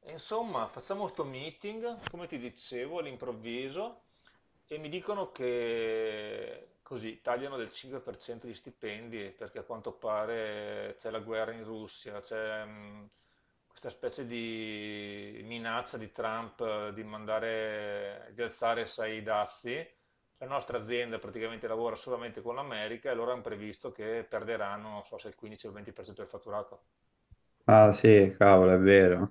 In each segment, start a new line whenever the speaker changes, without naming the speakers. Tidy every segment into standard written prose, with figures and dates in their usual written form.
E insomma, facciamo questo meeting, come ti dicevo, all'improvviso, e mi dicono che così tagliano del 5% gli stipendi perché a quanto pare c'è la guerra in Russia, c'è questa specie di minaccia di Trump, di mandare, di alzare, sai, i dazi. La nostra azienda praticamente lavora solamente con l'America e loro hanno previsto che perderanno, non so se il 15 o il 20% del fatturato.
Ah sì, cavolo, è vero,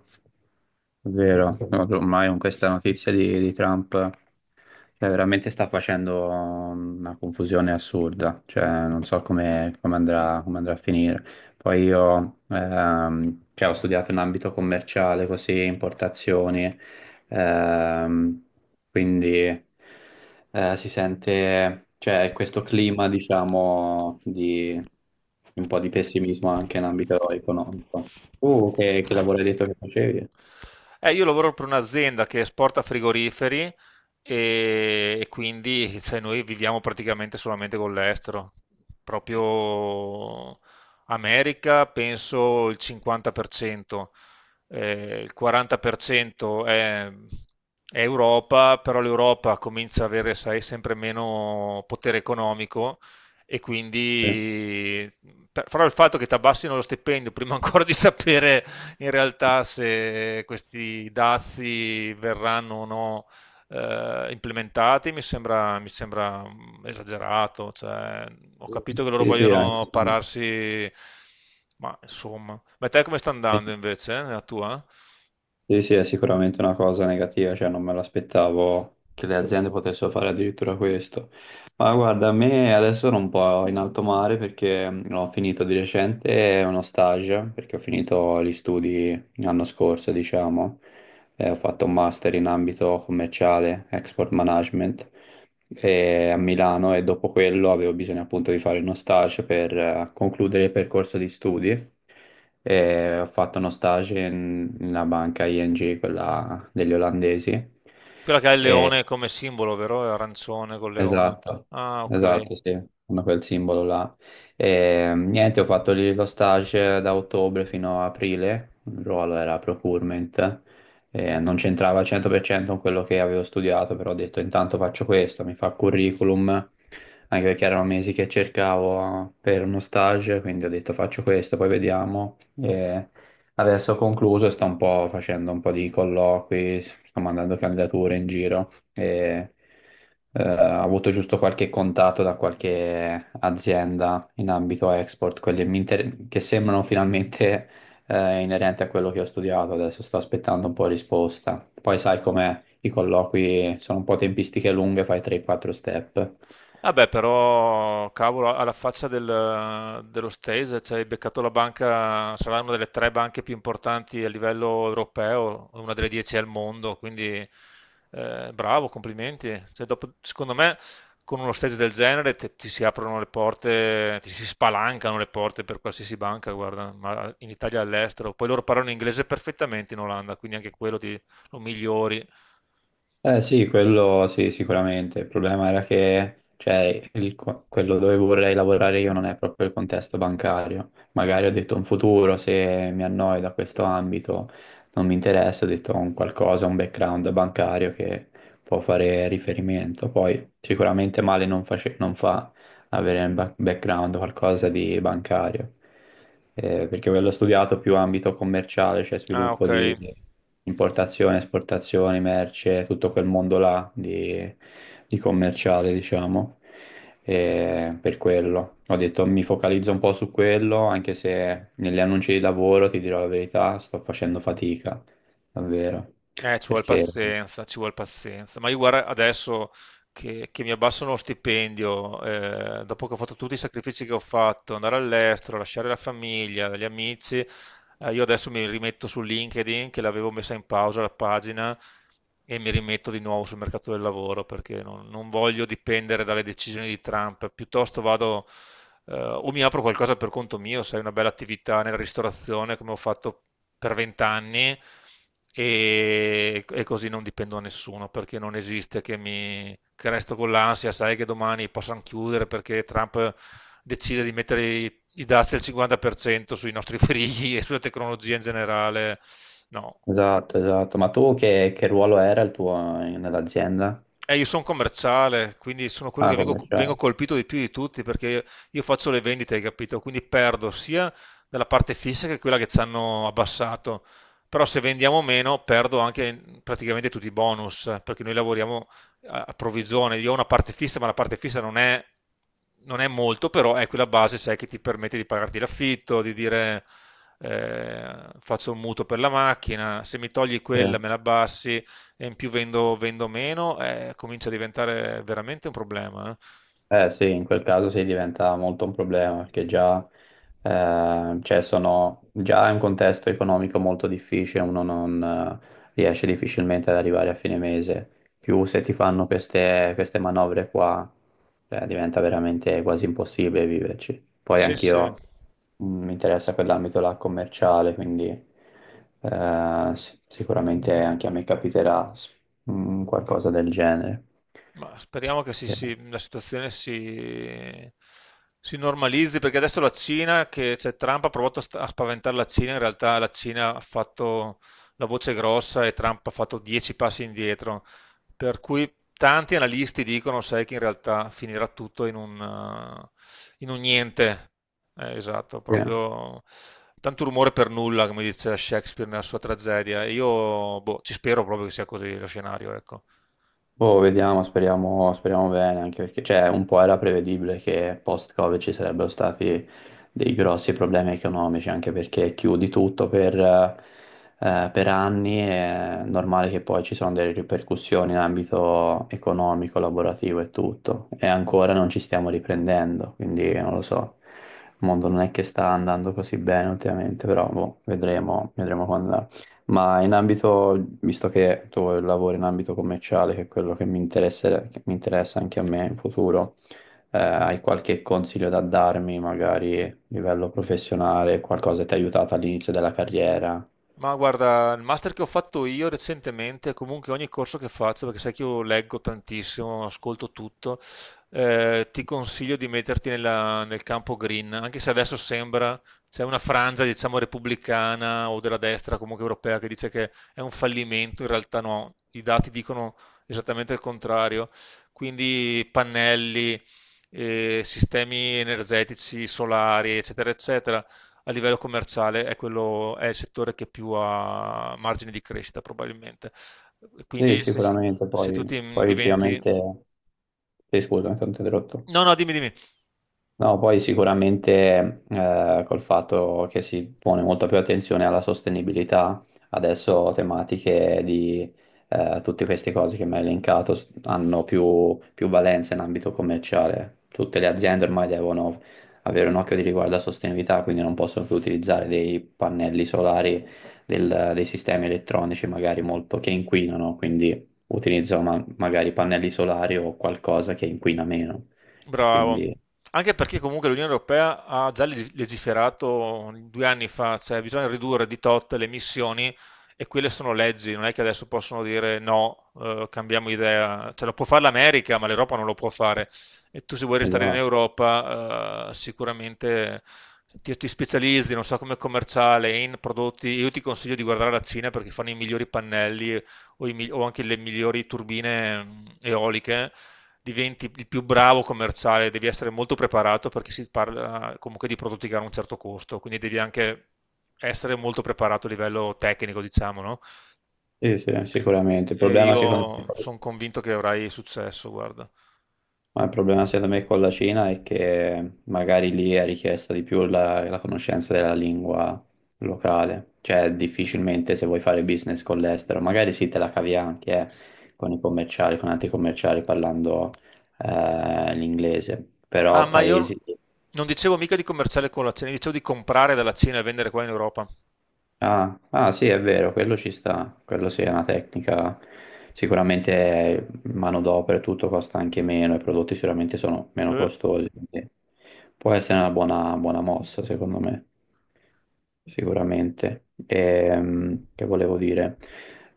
è vero. No, ormai con questa notizia di Trump, cioè, veramente sta facendo una confusione assurda, cioè non so come, come andrà a finire. Poi io cioè, ho studiato in ambito commerciale, così, importazioni, ehm, quindi si sente, cioè, questo clima, diciamo, di un po' di pessimismo anche in ambito economico. Tu che lavoro hai detto che facevi?
Io lavoro per un'azienda che esporta frigoriferi quindi cioè, noi viviamo praticamente solamente con l'estero. Proprio America penso il 50%, il 40% è Europa, però l'Europa comincia ad avere, sai, sempre meno potere economico, e
Sì,
quindi però il fatto che ti abbassino lo stipendio prima ancora di sapere in realtà se questi dazi verranno o no implementati mi sembra esagerato. Cioè, ho capito che loro
sì, sì,
vogliono
anche.
pararsi, ma insomma. Ma te come sta
Sì.
andando invece, nella tua?
Sì, sì, è sicuramente una cosa negativa, cioè non me l'aspettavo che le aziende potessero fare addirittura questo. Ma guarda, a me adesso sono un po' in alto mare perché ho finito di recente uno stage, perché ho finito gli studi l'anno scorso, diciamo. Ho fatto un master in ambito commerciale, export management a Milano, e dopo quello avevo bisogno appunto di fare uno stage per concludere il percorso di studi, e ho fatto uno nella banca ING, quella degli olandesi. Mm.
Quella che ha il
E,
leone come simbolo, vero? È arancione col leone.
esatto,
Ah, ok.
esatto, sì, hanno quel simbolo là. E, niente, ho fatto lì lo stage da ottobre fino a aprile, il ruolo era procurement, e non c'entrava al 100% con quello che avevo studiato, però ho detto intanto faccio questo, mi fa curriculum, anche perché erano mesi che cercavo per uno stage, quindi ho detto faccio questo, poi vediamo. E adesso ho concluso e sto un po' facendo un po' di colloqui, sto mandando candidature in giro e ho avuto giusto qualche contatto da qualche azienda in ambito export, che sembrano finalmente inerenti a quello che ho studiato. Adesso sto aspettando un po' risposta. Poi sai com'è, i colloqui sono un po' tempistiche lunghe, fai 3-4 step.
Vabbè, però, cavolo, alla faccia dello stage, cioè, hai beccato la banca, sarà una delle tre banche più importanti a livello europeo, una delle 10 al mondo, quindi, bravo, complimenti. Cioè, dopo, secondo me, con uno stage del genere ti si aprono le porte, ti si spalancano le porte per qualsiasi banca, guarda, ma in Italia e all'estero. Poi loro parlano inglese perfettamente in Olanda, quindi anche quello lo migliori.
Eh sì, quello sì, sicuramente. Il problema era che, cioè, quello dove vorrei lavorare io non è proprio il contesto bancario. Magari ho detto un futuro, se mi annoio da questo ambito, non mi interessa, ho detto un qualcosa, un background bancario che può fare riferimento. Poi sicuramente male non fa, avere un background, qualcosa di bancario. Perché quello studiato più ambito commerciale, cioè
Ah,
sviluppo
ok.
di importazione, esportazioni, merce, tutto quel mondo là di commerciale, diciamo. Per quello ho detto mi focalizzo un po' su quello, anche se negli annunci di lavoro, ti dirò la verità, sto facendo fatica, davvero.
Ci vuole
Perché
pazienza, ci vuole pazienza. Ma io, guarda, adesso che mi abbassano lo stipendio, dopo che ho fatto tutti i sacrifici che ho fatto, andare all'estero, lasciare la famiglia, gli amici, io adesso mi rimetto su LinkedIn, che l'avevo messa in pausa la pagina, e mi rimetto di nuovo sul mercato del lavoro, perché non voglio dipendere dalle decisioni di Trump. Piuttosto vado, o mi apro qualcosa per conto mio, sai, una bella attività nella ristorazione come ho fatto per vent'anni, così non dipendo da nessuno, perché non esiste che resto con l'ansia, sai, che domani possano chiudere perché Trump decide di mettere i dazi al 50% sui nostri frighi e sulla tecnologia in generale. No,
esatto, esatto. Ma tu che ruolo era il tuo nell'azienda?
Io sono commerciale, quindi sono quello che
Ah,
vengo
commerciale.
colpito di più di tutti, perché io, faccio le vendite, hai capito? Quindi perdo sia dalla parte fissa che quella che ci hanno abbassato. Però se vendiamo meno, perdo anche praticamente tutti i bonus, perché noi lavoriamo a provvigione. Io ho una parte fissa, ma la parte fissa non è molto, però è quella base, sai, che ti permette di pagarti l'affitto, di dire, eh, faccio un mutuo per la macchina. Se mi togli
Sì.
quella, me la abbassi, e in più vendo meno, comincia a diventare veramente un problema.
Eh sì, in quel caso sì, diventa molto un problema perché già, cioè sono, già è un contesto economico molto difficile, uno non riesce difficilmente ad arrivare a fine mese. Più se ti fanno queste, queste manovre qua, diventa veramente quasi impossibile viverci. Poi
Sì, sì.
anch'io mi interessa quell'ambito là commerciale, quindi sì, sicuramente anche a me capiterà qualcosa del genere.
Ma speriamo che
Eh,
la situazione si normalizzi, perché adesso la Cina, che cioè, Trump ha provato a a spaventare la Cina, in realtà la Cina ha fatto la voce grossa e Trump ha fatto 10 passi indietro, per cui tanti analisti dicono, sai, che in realtà finirà tutto in un, niente. Esatto,
sì.
proprio tanto rumore per nulla, come dice Shakespeare nella sua tragedia. E io boh, ci spero proprio che sia così lo scenario, ecco.
Boh, vediamo, speriamo, speriamo bene, anche perché cioè, un po' era prevedibile che post-Covid ci sarebbero stati dei grossi problemi economici, anche perché chiudi tutto per anni, è normale che poi ci sono delle ripercussioni in ambito economico, lavorativo e tutto, e ancora non ci stiamo riprendendo, quindi non lo so, il mondo non è che sta andando così bene ultimamente, però boh, vedremo, vedremo quando ma in ambito, visto che tu lavori in ambito commerciale, che è quello che mi interessa anche a me in futuro, hai qualche consiglio da darmi, magari a livello professionale, qualcosa che ti ha aiutato all'inizio della carriera?
Ma guarda, il master che ho fatto io recentemente, comunque ogni corso che faccio, perché sai che io leggo tantissimo, ascolto tutto, ti consiglio di metterti nel campo green. Anche se adesso sembra, c'è una frangia, diciamo, repubblicana o della destra comunque europea, che dice che è un fallimento, in realtà no, i dati dicono esattamente il contrario. Quindi pannelli, sistemi energetici, solari, eccetera, eccetera, a livello commerciale è quello, è il settore che più ha margini di crescita probabilmente. Quindi
Sì,
se,
sicuramente,
se tu
poi,
ti
poi
diventi...
ultimamente... Sì, scusa, mi sono interrotto.
No, no, dimmi, dimmi.
No, poi sicuramente col fatto che si pone molta più attenzione alla sostenibilità, adesso tematiche di tutte queste cose che mi hai hanno più, più valenza in ambito commerciale. Tutte le aziende ormai devono avere un occhio di riguardo alla sostenibilità, quindi non possono più utilizzare dei pannelli solari, dei sistemi elettronici magari molto che inquinano, quindi utilizzano magari pannelli solari o qualcosa che inquina meno.
Bravo.
Quindi,
Anche perché comunque l'Unione Europea ha già legiferato 2 anni fa, cioè bisogna ridurre di tot le emissioni, e quelle sono leggi, non è che adesso possono dire no, cambiamo idea. Cioè, lo può fare l'America, ma l'Europa non lo può fare. E tu, se vuoi restare in
esatto.
Europa, sicuramente ti specializzi, non so, come commerciale in prodotti. Io ti consiglio di guardare la Cina perché fanno i migliori pannelli, o, o anche le migliori turbine eoliche. Diventi il più bravo commerciale. Devi essere molto preparato, perché si parla comunque di prodotti che hanno un certo costo, quindi devi anche essere molto preparato a livello tecnico, diciamo, no?
Sì, sì, sicuramente. Il
E
problema secondo me,
io sono convinto che avrai successo, guarda.
ma il problema secondo me con la Cina è che magari lì è richiesta di più la, la conoscenza della lingua locale, cioè difficilmente se vuoi fare business con l'estero, magari sì te la cavi anche con i commerciali, con altri commerciali parlando l'inglese,
Ah,
però
ma io
paesi.
non dicevo mica di commerciale con la Cina, dicevo di comprare dalla Cina e vendere qua in Europa.
Ah, ah, sì, è vero, quello ci sta, quello sì è una tecnica, sicuramente manodopera e tutto costa anche meno, i prodotti sicuramente sono meno
Eh.
costosi, quindi può essere una buona, buona mossa secondo me, sicuramente. Che volevo dire?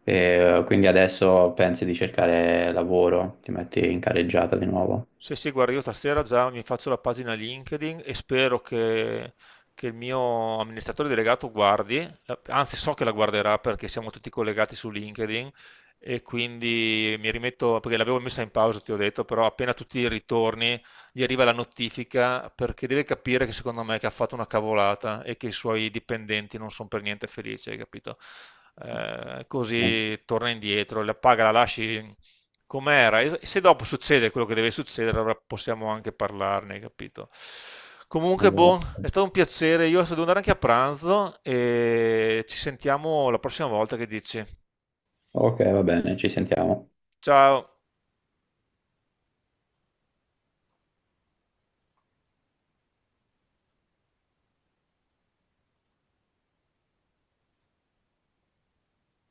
Quindi adesso pensi di cercare lavoro, ti metti in carreggiata di nuovo?
Sì, sì, guarda, io stasera già mi faccio la pagina LinkedIn, e spero che il mio amministratore delegato guardi, anzi so che la guarderà, perché siamo tutti collegati su LinkedIn, e quindi mi rimetto, perché l'avevo messa in pausa, ti ho detto. Però appena tu ti ritorni, gli arriva la notifica, perché deve capire, che secondo me, che ha fatto una cavolata e che i suoi dipendenti non sono per niente felici, hai capito?
Mm.
Così torna indietro, la paga la lasci com'era. E se dopo succede quello che deve succedere, allora possiamo anche parlarne, capito? Comunque, boh, è
Esatto.
stato un piacere. Io adesso devo andare anche a pranzo e ci sentiamo la prossima volta che dici.
Ok, va bene, ci sentiamo.
Ciao.